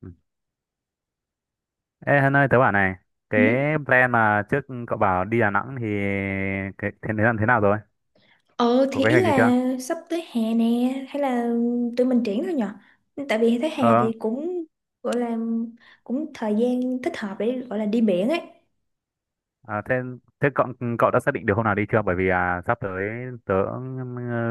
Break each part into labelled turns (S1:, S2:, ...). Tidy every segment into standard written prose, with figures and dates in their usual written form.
S1: Ừ. Ê Hân ơi, tớ bảo này, cái
S2: Ừ.
S1: plan mà trước cậu bảo đi Đà Nẵng thì cái thế thế làm thế nào rồi?
S2: Ờ
S1: Có
S2: thì
S1: kế
S2: ý
S1: hoạch gì chưa?
S2: là sắp tới hè nè hay là tụi mình triển thôi nhở, tại vì thấy hè
S1: Ờ,
S2: thì cũng gọi là cũng thời gian thích hợp để gọi là đi biển ấy.
S1: à, thế thế cậu cậu đã xác định được hôm nào đi chưa? Bởi vì à, sắp tới tớ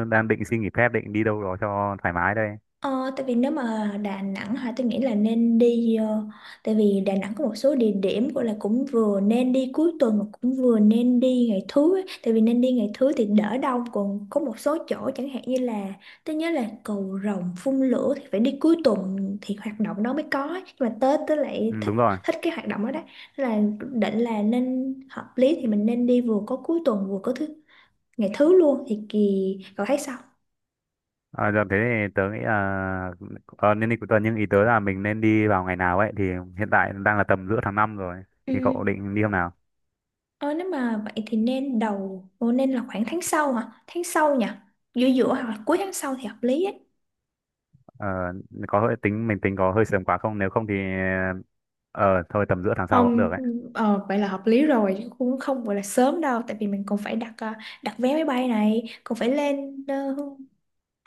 S1: đang định xin nghỉ phép, định đi đâu đó cho thoải mái đây.
S2: Ờ, tại vì nếu mà Đà Nẵng hả tôi nghĩ là nên đi, tại vì Đà Nẵng có một số địa điểm gọi là cũng vừa nên đi cuối tuần mà cũng vừa nên đi ngày thứ ấy. Tại vì nên đi ngày thứ thì đỡ đông, còn có một số chỗ chẳng hạn như là tôi nhớ là cầu Rồng phun lửa thì phải đi cuối tuần thì hoạt động đó mới có ấy. Nhưng mà Tết tôi lại
S1: Ừ,
S2: thích,
S1: đúng rồi.
S2: thích cái hoạt động đó đấy. Nên là định là nên hợp lý thì mình nên đi vừa có cuối tuần vừa có thứ, ngày thứ luôn thì kỳ, cậu thấy sao?
S1: À, giờ thế thì tớ nghĩ là nên đi cuối tuần nhưng ý tớ là mình nên đi vào ngày nào ấy thì hiện tại đang là tầm giữa tháng 5 rồi
S2: Ừ.
S1: thì cậu định đi hôm nào?
S2: Ờ, nếu mà vậy thì nên đầu, Ồ, nên là khoảng tháng sau hả? Tháng sau nhỉ? Giữa giữa hoặc là cuối tháng sau thì hợp lý ấy.
S1: Ờ, có hơi tính có hơi sớm quá không, nếu không thì ờ thôi tầm giữa tháng sau cũng được
S2: Không,
S1: ấy.
S2: ờ, vậy là hợp lý rồi chứ cũng không gọi là sớm đâu, tại vì mình còn phải đặt đặt vé máy bay này, còn phải lên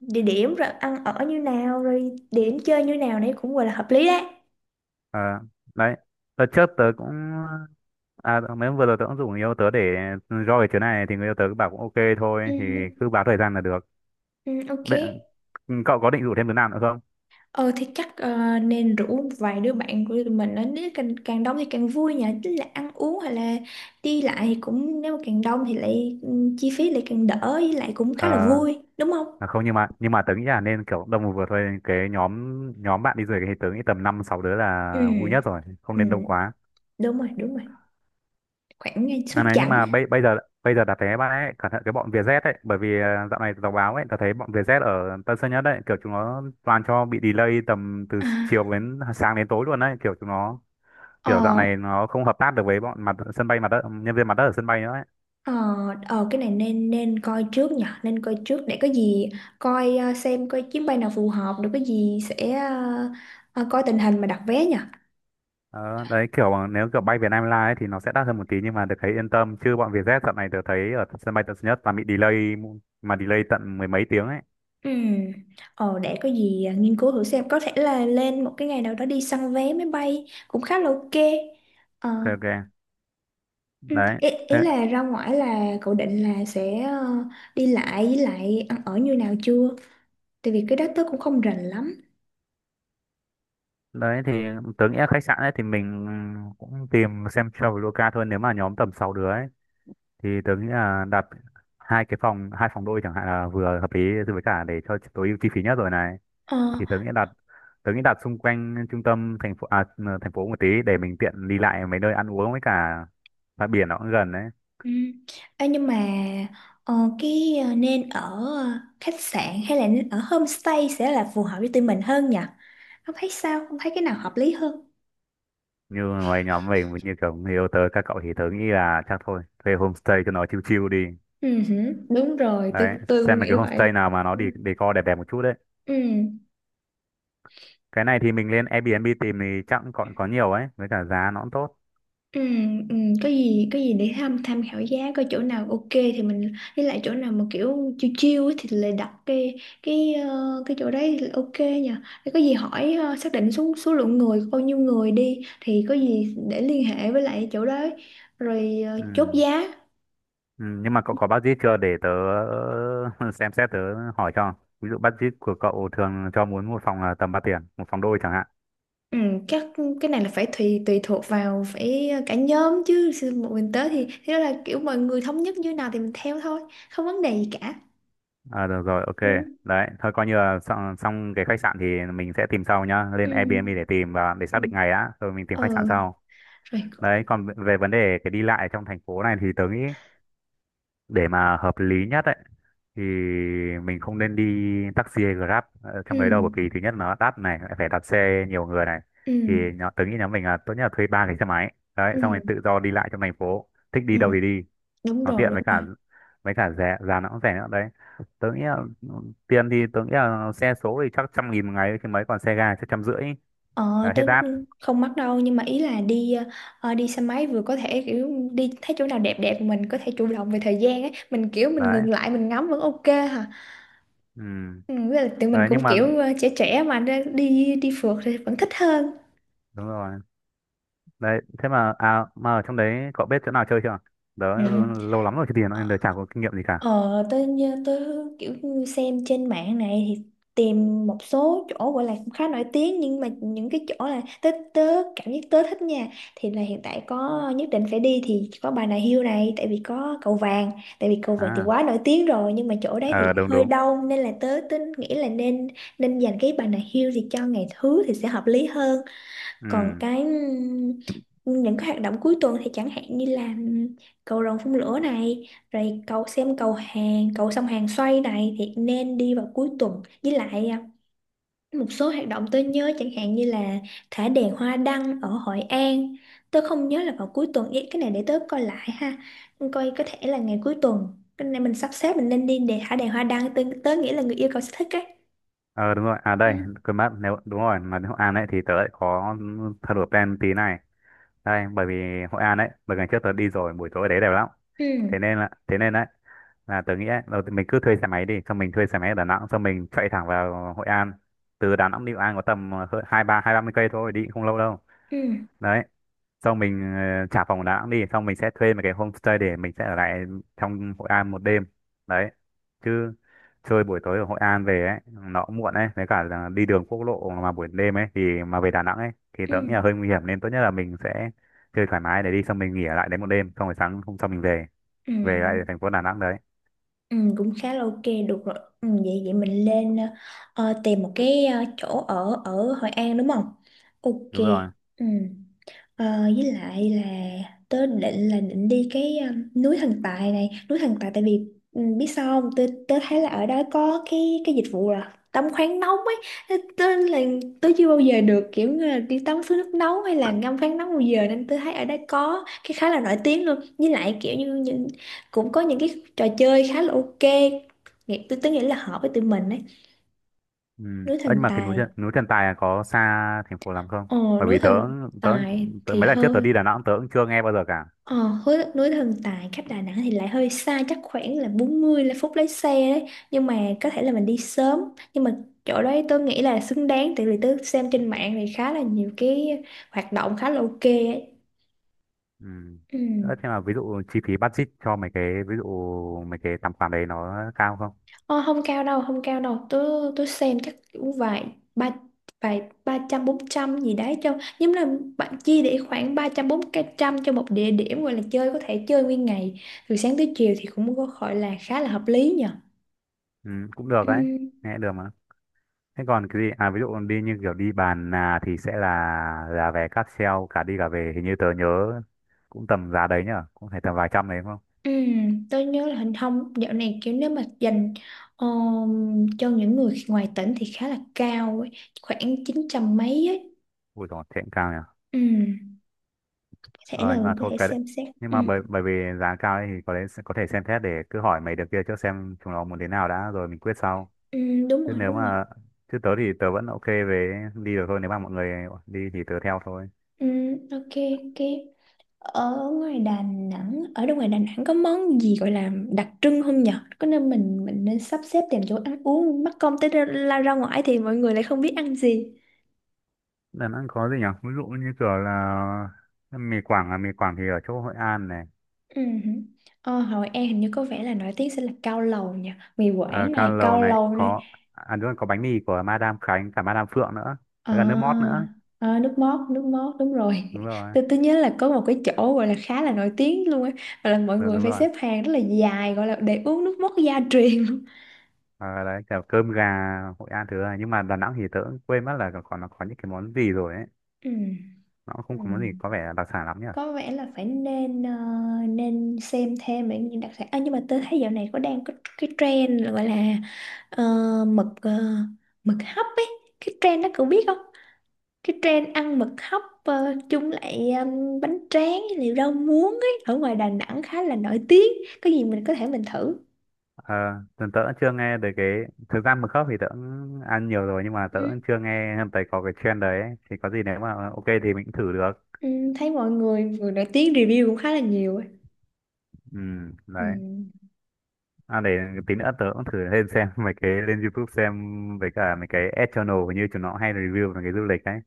S2: địa điểm rồi ăn ở như nào, rồi địa điểm chơi như nào, đấy cũng gọi là hợp lý đấy.
S1: Ờ, đấy đợt trước tớ cũng, à mấy hôm vừa rồi tớ cũng rủ người yêu tớ để roi chuyến này thì người yêu tớ cứ bảo cũng ok
S2: Ừ,
S1: thôi thì cứ báo thời gian là được.
S2: ừ, ok.
S1: Bên- Cậu có định rủ thêm đứa nào nữa không?
S2: Ờ thì chắc ờ, nên rủ vài đứa bạn của tụi mình đến, nếu càng đông thì càng vui nhỉ, tức là ăn uống hay là đi lại thì cũng nếu mà càng đông thì lại ừ, chi phí lại càng đỡ, với lại cũng khá là
S1: Ờ,
S2: vui đúng không.
S1: à, không, nhưng mà tớ nghĩ là nên kiểu đông vừa thôi, cái nhóm nhóm bạn đi du lịch thì tớ nghĩ tầm năm sáu đứa
S2: Ừ,
S1: là vui nhất rồi, không
S2: ừ,
S1: nên đông quá.
S2: đúng rồi, đúng rồi, khoảng ngay số
S1: À này nhưng
S2: chẵn
S1: mà
S2: á.
S1: bây bây giờ đặt vé bạn ấy cẩn thận cái bọn Vietjet ấy, bởi vì dạo này đọc báo ấy tớ thấy bọn Vietjet ở Tân Sơn Nhất ấy kiểu chúng nó toàn cho bị delay tầm từ
S2: à,
S1: chiều đến sáng đến tối luôn đấy, kiểu chúng nó kiểu dạo
S2: ờ
S1: này nó không hợp tác được với bọn mặt sân bay mặt đất, nhân viên mặt đất ở sân bay nữa ấy.
S2: ờ cái này nên nên coi trước nhỉ, nên coi trước để có gì coi, ờ, xem coi chuyến bay nào phù hợp, rồi có gì sẽ ờ, coi tình hình mà đặt vé nhỉ.
S1: Ờ, đấy kiểu mà nếu kiểu bay Việt Nam Airlines ấy, thì nó sẽ đắt hơn một tí nhưng mà được thấy yên tâm, chứ bọn Vietjet dạo này tớ thấy ở sân bay Tân Sơn Nhất là bị delay, mà delay tận mười mấy tiếng ấy.
S2: Ừ. Ờ, để có gì à, nghiên cứu thử xem có thể là lên một cái ngày nào đó đi săn vé máy bay cũng khá là ok. Ờ,
S1: Ok, ok,
S2: ừ.
S1: đấy.
S2: Ý, ý
S1: Thế
S2: là ra ngoài là cậu định là sẽ ờ, đi lại với lại ăn ở như nào chưa, tại vì cái đó tớ cũng không rành lắm.
S1: đấy thì tớ nghĩ là khách sạn ấy thì mình cũng tìm xem Traveloka thôi, nếu mà nhóm tầm 6 đứa ấy thì tớ nghĩ là đặt hai phòng đôi chẳng hạn là vừa hợp lý, với cả để cho tối ưu chi phí nhất rồi này,
S2: Ờ,
S1: thì tớ nghĩ đặt xung quanh trung tâm thành phố, thành phố một tí để mình tiện đi lại mấy nơi ăn uống với cả bãi biển nó cũng gần đấy.
S2: ừ. Ê, nhưng mà ờ, cái ờ, nên ở ờ, khách sạn hay là nên ở homestay sẽ là phù hợp với tụi mình hơn nhỉ, không thấy sao, không thấy cái nào hợp lý hơn.
S1: Như mấy nhóm mình như kiểu người yêu tớ, các cậu thì tớ nghĩ là chắc thôi thuê homestay cho nó chill chill đi.
S2: Ừ hử. Đúng rồi, tôi
S1: Đấy,
S2: tôi cũng
S1: xem mấy
S2: nghĩ
S1: cái
S2: vậy.
S1: homestay nào mà nó đi decor đẹp đẹp một chút đấy,
S2: Ừ,
S1: cái này thì mình lên Airbnb tìm thì chắc cũng còn có nhiều ấy, với cả giá nó cũng tốt.
S2: ừ, ừ, có gì để tham tham khảo giá, coi chỗ nào ok thì mình, với lại chỗ nào mà kiểu chiêu chiêu thì lại đặt cái ờ, cái chỗ đấy thì ok nha. Để có gì hỏi ờ, xác định số số lượng người, bao nhiêu người đi thì có gì để liên hệ với lại chỗ đấy rồi ờ, chốt
S1: Ừ.
S2: giá.
S1: Ừ, nhưng mà cậu có budget chưa để tớ xem xét, tớ hỏi cho, ví dụ budget của cậu thường cho muốn một phòng là tầm bao tiền, một phòng đôi chẳng hạn.
S2: Ừ, các cái này là phải tùy tùy thuộc vào phải cả nhóm chứ Sư- một mình tới thì thế, đó là kiểu mọi người thống nhất như nào thì mình theo thôi, không vấn đề gì cả.
S1: À, được rồi,
S2: Ừ,
S1: ok. Đấy thôi coi như là xong, xong cái khách sạn thì mình sẽ tìm sau nhá, lên
S2: ừ,
S1: Airbnb để tìm và để
S2: ừ.
S1: xác định ngày đã rồi mình tìm khách sạn
S2: Ờ.
S1: sau.
S2: Rồi có-
S1: Đấy còn về vấn đề cái đi lại trong thành phố này thì tớ nghĩ, để mà hợp lý nhất ấy, thì mình không nên đi taxi hay Grab
S2: ừ,
S1: trong đấy đâu, bởi vì thứ nhất nó đắt này, lại phải đặt xe nhiều người này, thì
S2: ừ,
S1: nhỏ tớ nghĩ nhóm mình là tốt nhất là thuê ba cái xe máy
S2: ừ,
S1: đấy, xong rồi tự do đi lại trong thành phố thích đi
S2: ừ,
S1: đâu thì đi,
S2: đúng
S1: nó
S2: rồi,
S1: tiện
S2: đúng
S1: với
S2: rồi.
S1: cả với cả rẻ, giá nó cũng rẻ nữa đấy. Tớ nghĩ là ừ, tiền thì tớ nghĩ là xe số thì chắc 100.000 một ngày chứ mấy, còn xe ga chắc trăm rưỡi
S2: Ờ
S1: là
S2: tớ
S1: hết đắt
S2: không mắc đâu, nhưng mà ý là đi ờ, đi xe máy vừa có thể kiểu đi thấy chỗ nào đẹp đẹp mình có thể chủ động về thời gian ấy, mình kiểu mình
S1: đấy.
S2: ngừng lại mình ngắm vẫn ok hả.
S1: Ừ,
S2: Ừ, với lại tụi mình
S1: đấy nhưng
S2: cũng
S1: mà
S2: kiểu ờ, trẻ trẻ mà nên đi đi phượt thì vẫn thích hơn.
S1: đúng rồi đấy, thế mà à mà ở trong đấy cậu biết chỗ nào chơi chưa? Đó,
S2: Ừ.
S1: lâu lắm rồi chứ tiền nên đời chả có kinh nghiệm gì cả.
S2: Ờ, tôi như tôi kiểu như xem trên mạng này thì tìm một số chỗ gọi là cũng khá nổi tiếng, nhưng mà những cái chỗ là tớ tớ cảm giác tớ thích nha, thì là hiện tại có nhất định phải đi thì có Bà Nà Hills này, tại vì có cầu vàng, tại vì cầu vàng thì
S1: À,
S2: quá nổi tiếng rồi nhưng mà chỗ đấy thì
S1: ờ
S2: lại
S1: đúng
S2: hơi
S1: đúng.
S2: đông, nên là tớ tớ nghĩ là nên, nên dành cái Bà Nà Hills thì cho ngày thứ thì sẽ hợp lý hơn. Còn
S1: Ừ.
S2: cái những cái hoạt động cuối tuần thì chẳng hạn như là cầu rồng phun lửa này, rồi cầu xem cầu hàng cầu sông Hàn xoay này thì nên đi vào cuối tuần, với lại à, một số hoạt động tôi nhớ chẳng hạn như là thả đèn hoa đăng ở Hội An, tôi không nhớ là vào cuối tuần. Ý, cái này để tớ coi lại ha, coi có thể là ngày cuối tuần, cái này mình sắp xếp mình nên đi để thả đèn hoa đăng, tớ nghĩ là người yêu cầu sẽ thích ấy.
S1: Ờ đúng rồi. À
S2: Ừ.
S1: đây, quên mất, nếu đúng rồi mà đến Hội An ấy thì tớ lại có thay đổi plan tí này đây, bởi vì Hội An ấy bởi ngày trước tớ đi rồi buổi tối ở đấy đẹp lắm,
S2: Ừ.
S1: thế nên là thế nên đấy, là tớ nghĩ ấy, đầu tiên mình cứ thuê xe máy đi, xong mình thuê xe máy ở Đà Nẵng xong mình chạy thẳng vào Hội An, từ Đà Nẵng đi Hội An có tầm hai ba, hai ba mươi cây thôi, đi cũng không lâu đâu.
S2: Ừ.
S1: Đấy, xong mình trả phòng Đà Nẵng đi xong mình sẽ thuê một cái homestay để mình sẽ ở lại trong Hội An một đêm. Đấy, chứ chơi buổi tối ở Hội An về ấy nó cũng muộn ấy, với cả là đi đường quốc lộ mà buổi đêm ấy thì, mà về Đà Nẵng ấy thì
S2: Ừ.
S1: tớ nghĩ là hơi nguy hiểm, nên tốt nhất là mình sẽ chơi thoải mái để đi xong mình nghỉ ở lại đấy một đêm, xong rồi sáng hôm sau mình về
S2: Ừ.
S1: về lại thành phố Đà Nẵng đấy.
S2: Ừ, cũng khá là ok, được rồi, ừ, vậy vậy mình lên ờ, tìm một cái ờ, chỗ ở ở Hội An đúng không, ok.
S1: Đúng rồi.
S2: Ừ. Ờ, với lại là tớ định là định đi cái núi Thần Tài này, núi Thần Tài tại vì biết sao không, tớ thấy là ở đó có cái dịch vụ là tắm khoáng nóng ấy. Thế tớ là tớ chưa bao giờ được kiểu như là đi tắm suối nước nóng hay là ngâm khoáng nóng bao giờ, nên tớ thấy ở đó có cái khá là nổi tiếng luôn, với lại kiểu như những, cũng có những cái trò chơi khá là ok, nghĩ tớ nghĩ là hợp với tụi mình ấy,
S1: Ừ.
S2: núi
S1: Ơ, nhưng
S2: Thần
S1: mà cái
S2: Tài.
S1: Núi Trần, Tài là có xa thành phố lắm không?
S2: Ồ,
S1: Bởi
S2: núi
S1: vì tớ
S2: Thần
S1: tớ,
S2: Tài
S1: tớ
S2: thì
S1: mấy lần trước tớ
S2: hơi,
S1: đi Đà Nẵng tớ cũng chưa nghe bao giờ cả.
S2: Ờ, hối núi Thần Tài cách Đà Nẵng thì lại hơi xa, chắc khoảng là 40 là phút lái xe đấy, nhưng mà có thể là mình đi sớm, nhưng mà chỗ đấy tôi nghĩ là xứng đáng, tại vì tôi xem trên mạng thì khá là nhiều cái hoạt động khá là ok ấy.
S1: Ừ.
S2: Ừ.
S1: Ờ, thế mà ví dụ chi phí budget cho mấy cái, ví dụ mấy cái tầm khoản đấy nó cao không?
S2: Ờ, không cao đâu, không cao đâu, tôi xem chắc cũng vài ba, vài ba trăm bốn trăm gì đấy cho nhưng là bạn chia, để khoảng ba trăm bốn trăm cho một địa điểm gọi là chơi, có thể chơi nguyên ngày từ sáng tới chiều thì cũng có gọi là khá là hợp lý nhỉ.
S1: Ừ, cũng được đấy, nghe được mà. Thế còn cái gì? À, ví dụ đi như kiểu đi bàn là thì sẽ là vé cáp treo cả đi cả về, hình như tớ nhớ cũng tầm giá đấy nhở, cũng phải tầm vài trăm đấy đúng không?
S2: Ừ, tôi nhớ là hình thông dạo này kiểu nếu mà dành cho những người ngoài tỉnh thì khá là cao ấy, khoảng 900 mấy ấy.
S1: Ui dồi, thế cũng cao nhở.
S2: Ừ, có thể
S1: Ờ
S2: là
S1: nhưng mà
S2: có
S1: thôi
S2: thể
S1: cái đấy.
S2: xem xét.
S1: Nhưng
S2: Ừ,
S1: mà bởi bởi vì giá cao ấy thì có lẽ có thể xem xét, để cứ hỏi mấy đứa kia trước xem chúng nó muốn thế nào đã rồi mình quyết sau.
S2: ừ, đúng
S1: Chứ
S2: rồi,
S1: nếu
S2: đúng rồi.
S1: mà Chứ tớ thì tớ vẫn ok về đi được thôi, nếu mà mọi người đi thì tớ theo thôi.
S2: Ừ, ok, ok. Ở ngoài Đà Nẵng, ở đâu ngoài Đà Nẵng có món gì gọi là đặc trưng không nhở? Có nên mình nên sắp xếp tìm chỗ ăn uống, mắc công tới ra, la ra ngoài thì mọi người lại không biết ăn gì.
S1: Đà Nẵng có gì nhỉ, ví dụ như kiểu là mì Quảng, à mì Quảng thì ở chỗ Hội An này.
S2: Ừ. Ờ, Hội An hình như có vẻ là nổi tiếng sẽ là cao lầu nha, mì
S1: Ờ,
S2: Quảng
S1: Cao
S2: này,
S1: Lầu
S2: cao
S1: này
S2: lầu này.
S1: có, à đúng rồi có bánh mì của Madame Khánh cả Madame Phượng nữa, với cả nước mót
S2: À,
S1: nữa.
S2: à, nước mót, nước mót đúng rồi
S1: Đúng rồi.
S2: tôi nhớ là có một cái chỗ gọi là khá là nổi tiếng luôn ấy, gọi là mọi
S1: Đúng,
S2: người
S1: đúng
S2: phải
S1: rồi.
S2: xếp hàng rất là dài gọi là để uống nước mót gia truyền luôn.
S1: Ờ, đấy kiểu cơm gà Hội An thứ này, nhưng mà Đà Nẵng thì tớ cũng quên mất là còn nó có những cái món gì rồi ấy,
S2: Ừ.
S1: nó cũng không
S2: Ừ.
S1: có món gì có vẻ đặc sản lắm nhỉ.
S2: Có vẻ là phải nên ờ, nên xem thêm về những đặc sản à, nhưng mà tôi thấy dạo này có đang có cái trend là gọi là ờ, ờ, mực hấp ấy, cái trend đó cậu biết không, cái trend ăn mực hấp ờ, chung lại bánh tráng liệu rau muống ấy, ở ngoài Đà Nẵng khá là nổi tiếng, có gì mình có thể mình thử.
S1: Ờ, tớ tớ cũng chưa nghe về cái, thực ra mực khóc thì tớ cũng ăn nhiều rồi nhưng mà
S2: Ừ.
S1: tớ cũng chưa nghe thấy có cái trend đấy ấy, thì có gì nếu mà ok thì mình cũng thử được.
S2: Ừ, thấy mọi người người nổi tiếng review cũng khá là nhiều ấy.
S1: Ừ,
S2: Ừ.
S1: đấy. À, để tí nữa tớ cũng thử lên xem mấy cái, lên YouTube xem, với cả mấy cái ad channel hình như chúng nó hay review về cái du lịch đấy.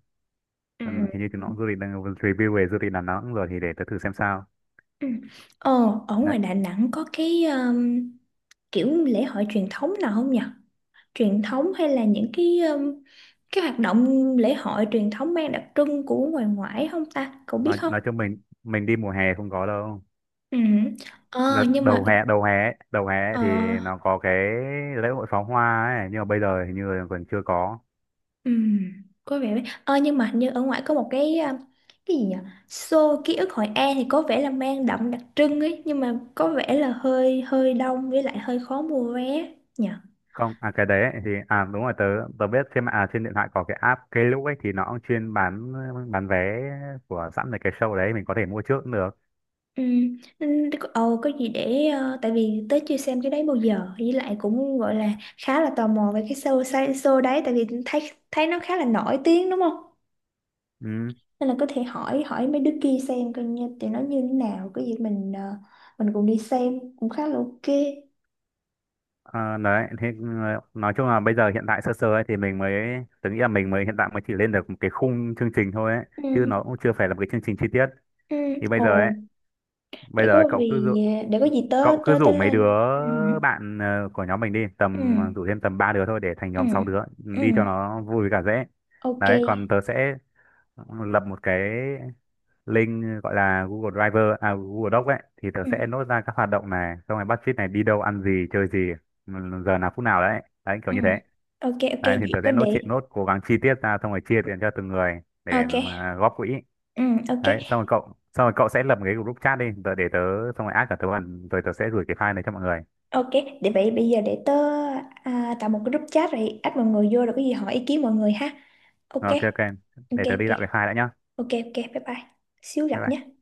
S2: Ừ.
S1: Ừ, hình như chúng nó du lịch đang review về du lịch Đà Nẵng rồi thì để tớ thử xem sao.
S2: Ừ. Ờ, ở
S1: Đấy,
S2: ngoài Đà Nẵng có cái kiểu lễ hội truyền thống nào không nhỉ? Truyền thống hay là những cái hoạt động lễ hội truyền thống mang đặc trưng của ngoài ngoại không ta? Cậu biết
S1: nói
S2: không?
S1: nói cho mình đi mùa hè không có đâu.
S2: Ừ. Ờ,
S1: Đợt
S2: nhưng mà
S1: đầu hè ấy
S2: ờ,
S1: thì nó có cái lễ hội pháo hoa ấy, nhưng mà bây giờ hình như là còn chưa có.
S2: Ừ, có vẻ đấy. Ờ, nhưng mà hình như ở ngoài có một cái à, cái gì nhỉ? Show ký ức Hội An thì có vẻ là mang đậm đặc trưng ấy, nhưng mà có vẻ là hơi hơi đông, với lại hơi khó mua vé nhỉ.
S1: Không, à cái đấy ấy thì à đúng rồi, tớ tớ biết trên mạng, à trên điện thoại có cái app Klook ấy thì nó cũng chuyên bán, vé của sẵn về cái show đấy mình có thể mua trước cũng được.
S2: Ừ, nên ờ, có gì để ờ, tại vì tới chưa xem cái đấy bao giờ, với lại cũng gọi là khá là tò mò về cái show, show đấy tại vì thấy thấy nó khá là nổi tiếng đúng không?
S1: Ừ.
S2: Nên là có thể hỏi hỏi mấy đứa kia xem coi như tụi nó như thế nào, cái gì mình ờ, mình cùng đi xem cũng khá là ok.
S1: Ờ, đấy thì nói chung là bây giờ hiện tại sơ sơ ấy thì mình mới, tớ nghĩ là mình mới hiện tại mới chỉ lên được một cái khung chương trình thôi ấy, chứ
S2: Ừ.
S1: nó cũng chưa phải là một cái chương trình chi tiết,
S2: Ừ.
S1: thì bây giờ ấy
S2: Ồ,
S1: bây
S2: để
S1: giờ ấy,
S2: có
S1: cậu cứ rủ
S2: vì để có gì tớ
S1: cậu cứ
S2: tớ tớ
S1: rủ mấy đứa
S2: lên. Ừ.
S1: bạn của nhóm mình đi
S2: Ừ.
S1: tầm, rủ thêm tầm ba đứa thôi để thành
S2: Ừ.
S1: nhóm sáu đứa
S2: Ừ.
S1: đi cho nó vui với cả dễ.
S2: Ok.
S1: Đấy còn tớ sẽ lập một cái link gọi là Google Driver, à Google Doc ấy, thì tớ
S2: Ừ.
S1: sẽ nốt ra các hoạt động này, xong rồi budget này, đi đâu ăn gì chơi gì, giờ nào phút nào đấy, đấy kiểu
S2: Ừ.
S1: như thế.
S2: Ok ok
S1: Đấy thì
S2: vậy
S1: tớ
S2: có
S1: sẽ nốt
S2: để
S1: chuyện nốt cố gắng chi tiết ra xong rồi chia tiền cho từng người để
S2: ok.
S1: mà góp quỹ.
S2: Ừ ok.
S1: Đấy xong rồi cậu sẽ lập một cái group chat đi tớ, để tớ xong rồi add cả tớ vào, rồi tớ sẽ gửi cái file này cho mọi người.
S2: Ok, để vậy bây giờ để tớ à, tạo một cái group chat rồi add mọi người vô rồi có gì hỏi ý kiến mọi người ha. Ok.
S1: Ok, ok,
S2: Ok
S1: để tớ đi
S2: ok.
S1: tạo cái file đã nhá.
S2: Ok ok bye bye. Xíu
S1: Bye
S2: gặp
S1: bye.
S2: nhé.